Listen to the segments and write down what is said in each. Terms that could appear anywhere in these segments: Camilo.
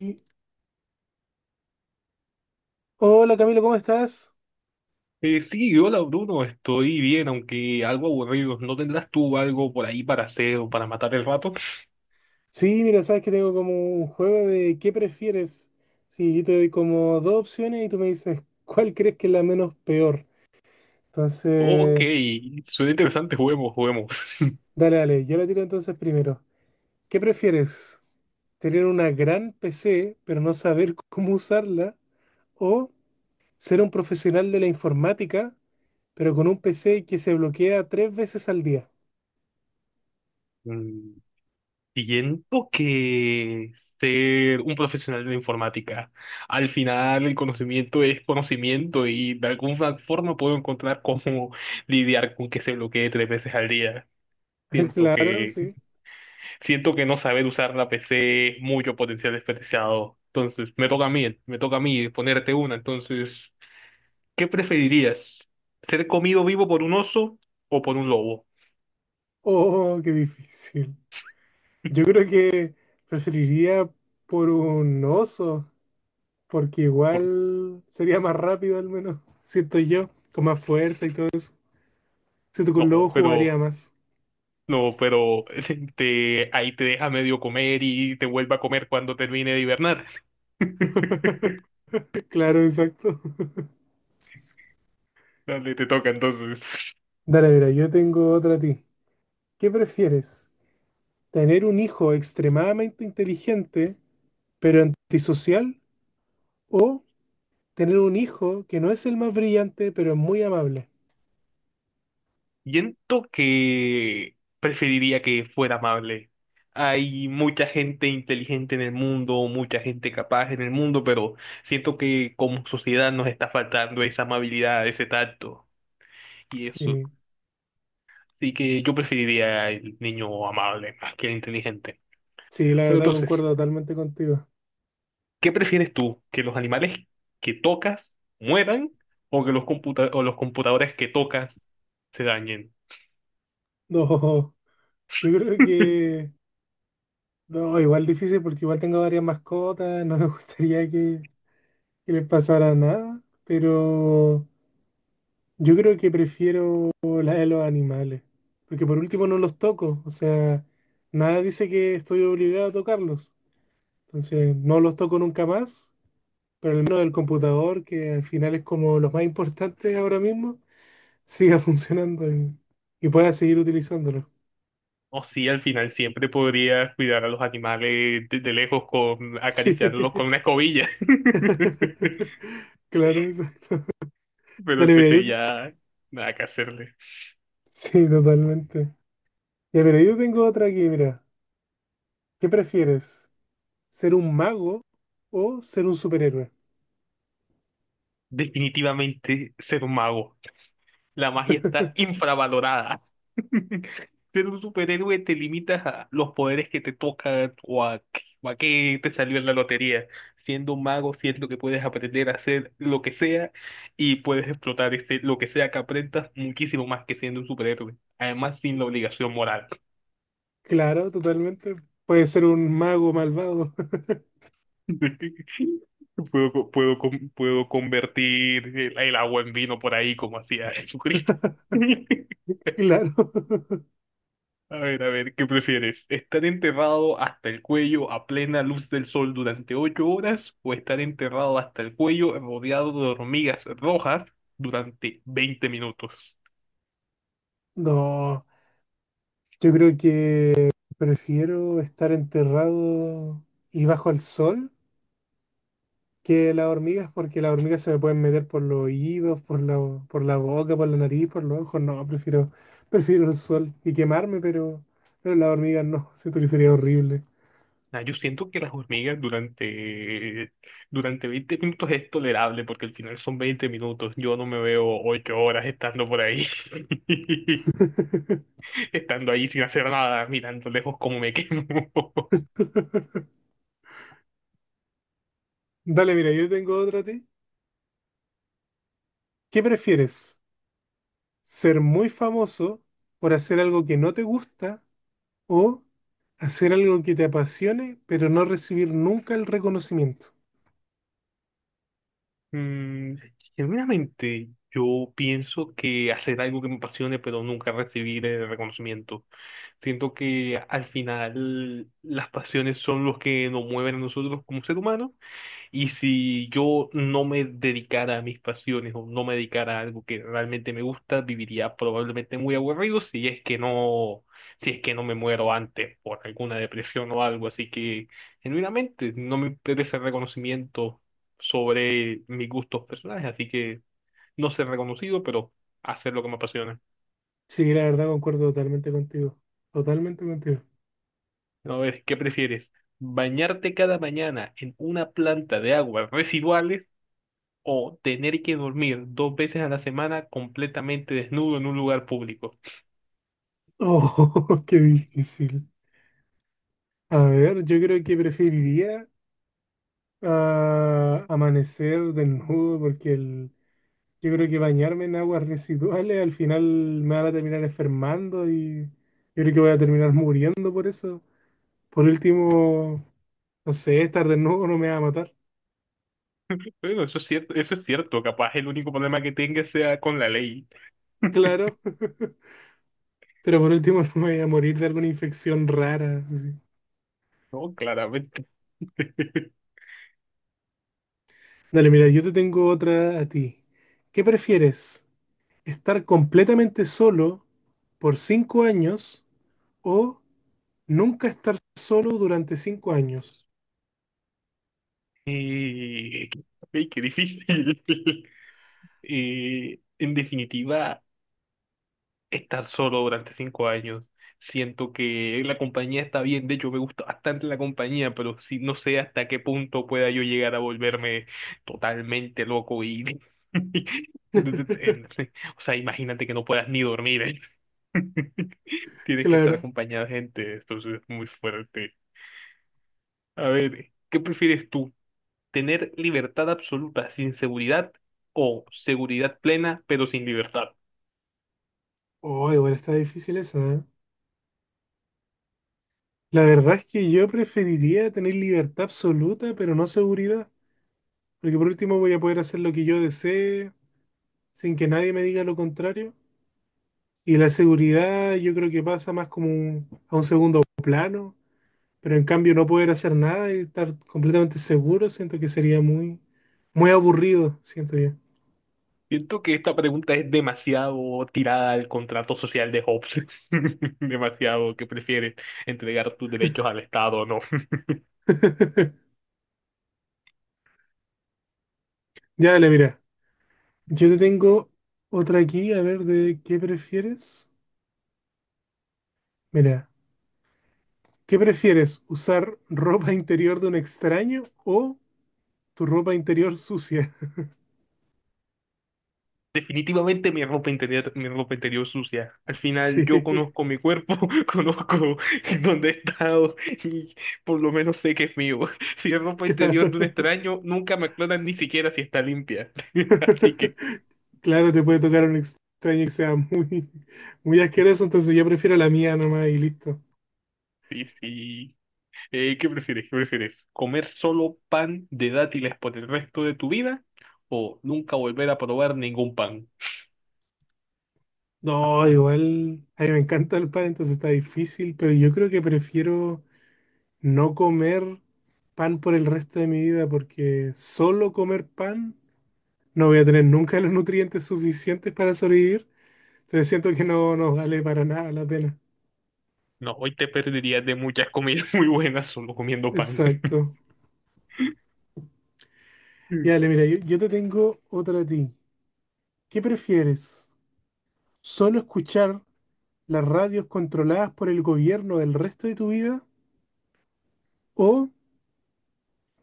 Y- Hola Camilo, ¿cómo estás? Sí, Hola Bruno, estoy bien, aunque algo aburrido. ¿No tendrás tú algo por ahí para hacer o para matar el rato? Sí, mira, sabes que tengo como un juego de ¿qué prefieres? Sí, yo te doy como dos opciones y tú me dices cuál crees que es la menos peor. Ok, Entonces, suena interesante, juguemos, juguemos. dale, yo la tiro entonces primero. ¿Qué prefieres? ¿Tener una gran PC pero no saber cómo usarla? ¿O ser un profesional de la informática pero con un PC que se bloquea tres veces al día? Mm. Siento que ser un profesional de la informática, al final el conocimiento es conocimiento y de alguna forma puedo encontrar cómo lidiar con que se bloquee tres veces al día. Siento Claro, que, sí. siento que no saber usar la PC es mucho potencial desperdiciado. Entonces, me toca a mí, me toca a mí ponerte una. Entonces, ¿qué preferirías? ¿Ser comido vivo por un oso o por un lobo? Oh, qué difícil. Yo creo que preferiría por un oso, porque Por- igual sería más rápido al menos, siento yo, con más fuerza y todo eso. Siento que un No, lobo jugaría pero, más. no, pero te, ahí te deja medio comer y te vuelve a comer cuando termine de hibernar. Claro, exacto. Dale, te toca entonces. Dale, mira, yo tengo otra a ti. ¿Qué prefieres? ¿Tener un hijo extremadamente inteligente, pero antisocial? ¿O tener un hijo que no es el más brillante, pero es muy amable? Siento que preferiría que fuera amable. Hay mucha gente inteligente en el mundo, mucha gente capaz en el mundo, pero siento que como sociedad nos está faltando esa amabilidad, ese tacto y eso. Sí, Así que yo preferiría el niño amable más que el inteligente. sí, la Bueno, verdad concuerdo entonces, totalmente contigo. ¿qué prefieres tú? ¿Que los animales que tocas mueran o que o los computadores que tocas se dañen? No, yo creo que... No, igual difícil porque igual tengo varias mascotas, no me gustaría que les pasara nada, pero yo creo que prefiero la de los animales, porque por último no los toco, o sea, nada dice que estoy obligado a tocarlos, entonces no los toco nunca más, pero al menos el computador, que al final es como lo más importante ahora mismo, siga y pueda seguir utilizándolo. O sí, al final siempre podría cuidar a los animales de lejos con Sí, acariciarlos con una escobilla. claro, exacto. Pero el Dale, mira, PC yo, ya nada que hacerle. sí, totalmente. Ya, pero yo tengo otra aquí, mira. ¿Qué prefieres? ¿Ser un mago o ser un superhéroe? Definitivamente ser un mago. La magia está infravalorada. Ser un superhéroe te limitas a los poderes que te tocan o a qué te salió en la lotería. Siendo un mago, siento que puedes aprender a hacer lo que sea y puedes explotar este, lo que sea que aprendas muchísimo más que siendo un superhéroe. Además, sin la obligación moral. Claro, totalmente. Puede ser un mago malvado. Puedo, puedo convertir el agua en vino por ahí como hacía Jesucristo. Claro. A ver, ¿qué prefieres? ¿Estar enterrado hasta el cuello a plena luz del sol durante ocho horas o estar enterrado hasta el cuello rodeado de hormigas rojas durante 20 minutos? No, yo creo que prefiero estar enterrado y bajo el sol que las hormigas, porque las hormigas se me pueden meter por los oídos, por la boca, por la nariz, por los ojos. No, prefiero el sol y quemarme, pero las hormigas no. Siento que sería horrible. Ah, yo siento que las hormigas durante 20 minutos es tolerable porque al final son 20 minutos. Yo no me veo ocho horas estando por ahí, estando ahí sin hacer nada, mirando lejos cómo me quemo. Dale, mira, yo tengo otra a ti. ¿Qué prefieres? ¿Ser muy famoso por hacer algo que no te gusta o hacer algo que te apasione, pero no recibir nunca el reconocimiento? Mm, genuinamente, yo pienso que hacer algo que me apasione, pero nunca recibir el reconocimiento. Siento que al final las pasiones son los que nos mueven a nosotros como ser humanos. Y si yo no me dedicara a mis pasiones o no me dedicara a algo que realmente me gusta, viviría probablemente muy aburrido si es que no me muero antes por alguna depresión o algo. Así que, genuinamente, no me interesa el reconocimiento sobre mis gustos personales, así que no ser reconocido, pero hacer lo que me apasiona. Sí, la verdad concuerdo totalmente contigo. Totalmente contigo. A ver, ¿qué prefieres? ¿Bañarte cada mañana en una planta de aguas residuales o tener que dormir dos veces a la semana completamente desnudo en un lugar público? Oh, qué difícil. A ver, yo creo que preferiría ah, amanecer desnudo porque yo creo que bañarme en aguas residuales al final me van a terminar enfermando y yo creo que voy a terminar muriendo por eso. Por último, no sé, estar desnudo no me va a matar, Bueno, eso es cierto, capaz el único problema que tenga sea con la ley, claro, pero por último no me voy a morir de alguna infección rara. Así. ¿no? Claramente. Dale, mira, yo te tengo otra a ti. ¿Qué prefieres? ¿Estar completamente solo por cinco años o nunca estar solo durante cinco años? Eh, qué difícil. En definitiva, estar solo durante 5 años. Siento que la compañía está bien, de hecho me gusta bastante la compañía, pero sí, no sé hasta qué punto pueda yo llegar a volverme totalmente loco y... O sea, imagínate que no puedas ni dormir, ¿eh? Tienes que estar Claro. acompañado de gente, entonces es muy fuerte. A ver, ¿qué prefieres tú? ¿Tener libertad absoluta sin seguridad o seguridad plena pero sin libertad? Oh, igual está difícil eso. La verdad es que yo preferiría tener libertad absoluta, pero no seguridad, porque por último voy a poder hacer lo que yo desee sin que nadie me diga lo contrario. Y la seguridad yo creo que pasa más como a un segundo plano, pero en cambio no poder hacer nada y estar completamente seguro, siento que sería muy aburrido, siento yo. Siento que esta pregunta es demasiado tirada al contrato social de Hobbes. Demasiado que prefieres entregar tus derechos al Estado o no. Ya, dale, mira. Yo te tengo otra aquí, a ver, de qué prefieres. Mira, ¿qué prefieres? ¿Usar ropa interior de un extraño o tu ropa interior sucia? Definitivamente mi ropa interior sucia. Al final yo Sí, conozco mi cuerpo, conozco dónde he estado y por lo menos sé que es mío. Si es ropa interior de un claro. extraño, nunca me aclaran ni siquiera si está limpia. Así que Claro, te puede tocar un extraño que sea muy asqueroso, entonces yo prefiero la mía nomás y listo. sí, sí. ¿Qué prefieres? ¿Qué prefieres? ¿Comer solo pan de dátiles por el resto de tu vida o nunca volver a probar ningún pan? No, igual, a mí me encanta el pan, entonces está difícil, pero yo creo que prefiero no comer pan por el resto de mi vida, porque solo comer pan no voy a tener nunca los nutrientes suficientes para sobrevivir, entonces siento que no nos vale para nada la pena. No, hoy te perderías de muchas comidas muy buenas solo comiendo pan. Exacto. Y dale, mira, yo te tengo otra a ti. ¿Qué prefieres? ¿Solo escuchar las radios controladas por el gobierno el resto de tu vida? ¿O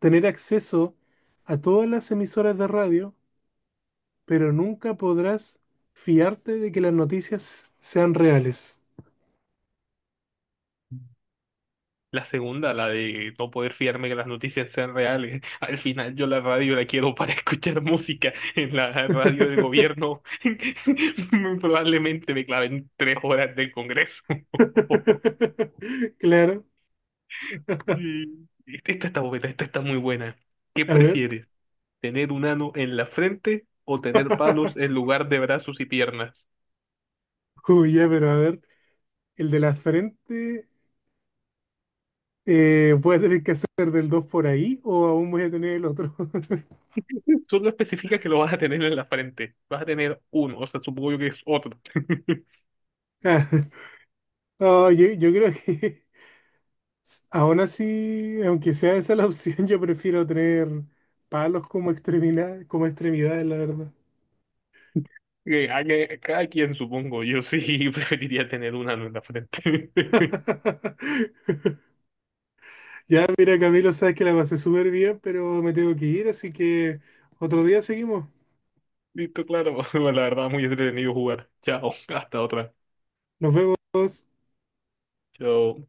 tener acceso a todas las emisoras de radio, pero nunca podrás fiarte de que las noticias sean reales? La segunda, la de no poder fiarme que las noticias sean reales. Al final yo la radio la quiero para escuchar música. En la radio del gobierno probablemente me claven tres horas del Congreso. Claro, Y esta está buena, esta está muy buena. ¿Qué a ver. prefieres? ¿Tener un ano en la frente o tener palos en lugar de brazos y piernas? Uy, ya, pero a ver, el de la frente, ¿voy a tener que hacer del 2 por ahí o aún voy a tener el otro? Solo especifica que lo vas a tener en la frente. Vas a tener uno, o sea, supongo yo que es otro. Ah, no, yo creo que aún así, aunque sea esa la opción, yo prefiero tener palos como extremidad, como extremidades, la verdad. Cada quien, supongo. Yo sí preferiría tener un ano en la frente. Ya, mira, Camilo, sabes que la pasé súper bien, pero me tengo que ir, así que otro día seguimos. Listo, claro. La verdad, muy entretenido jugar. Chao, hasta otra. Nos vemos. Chao.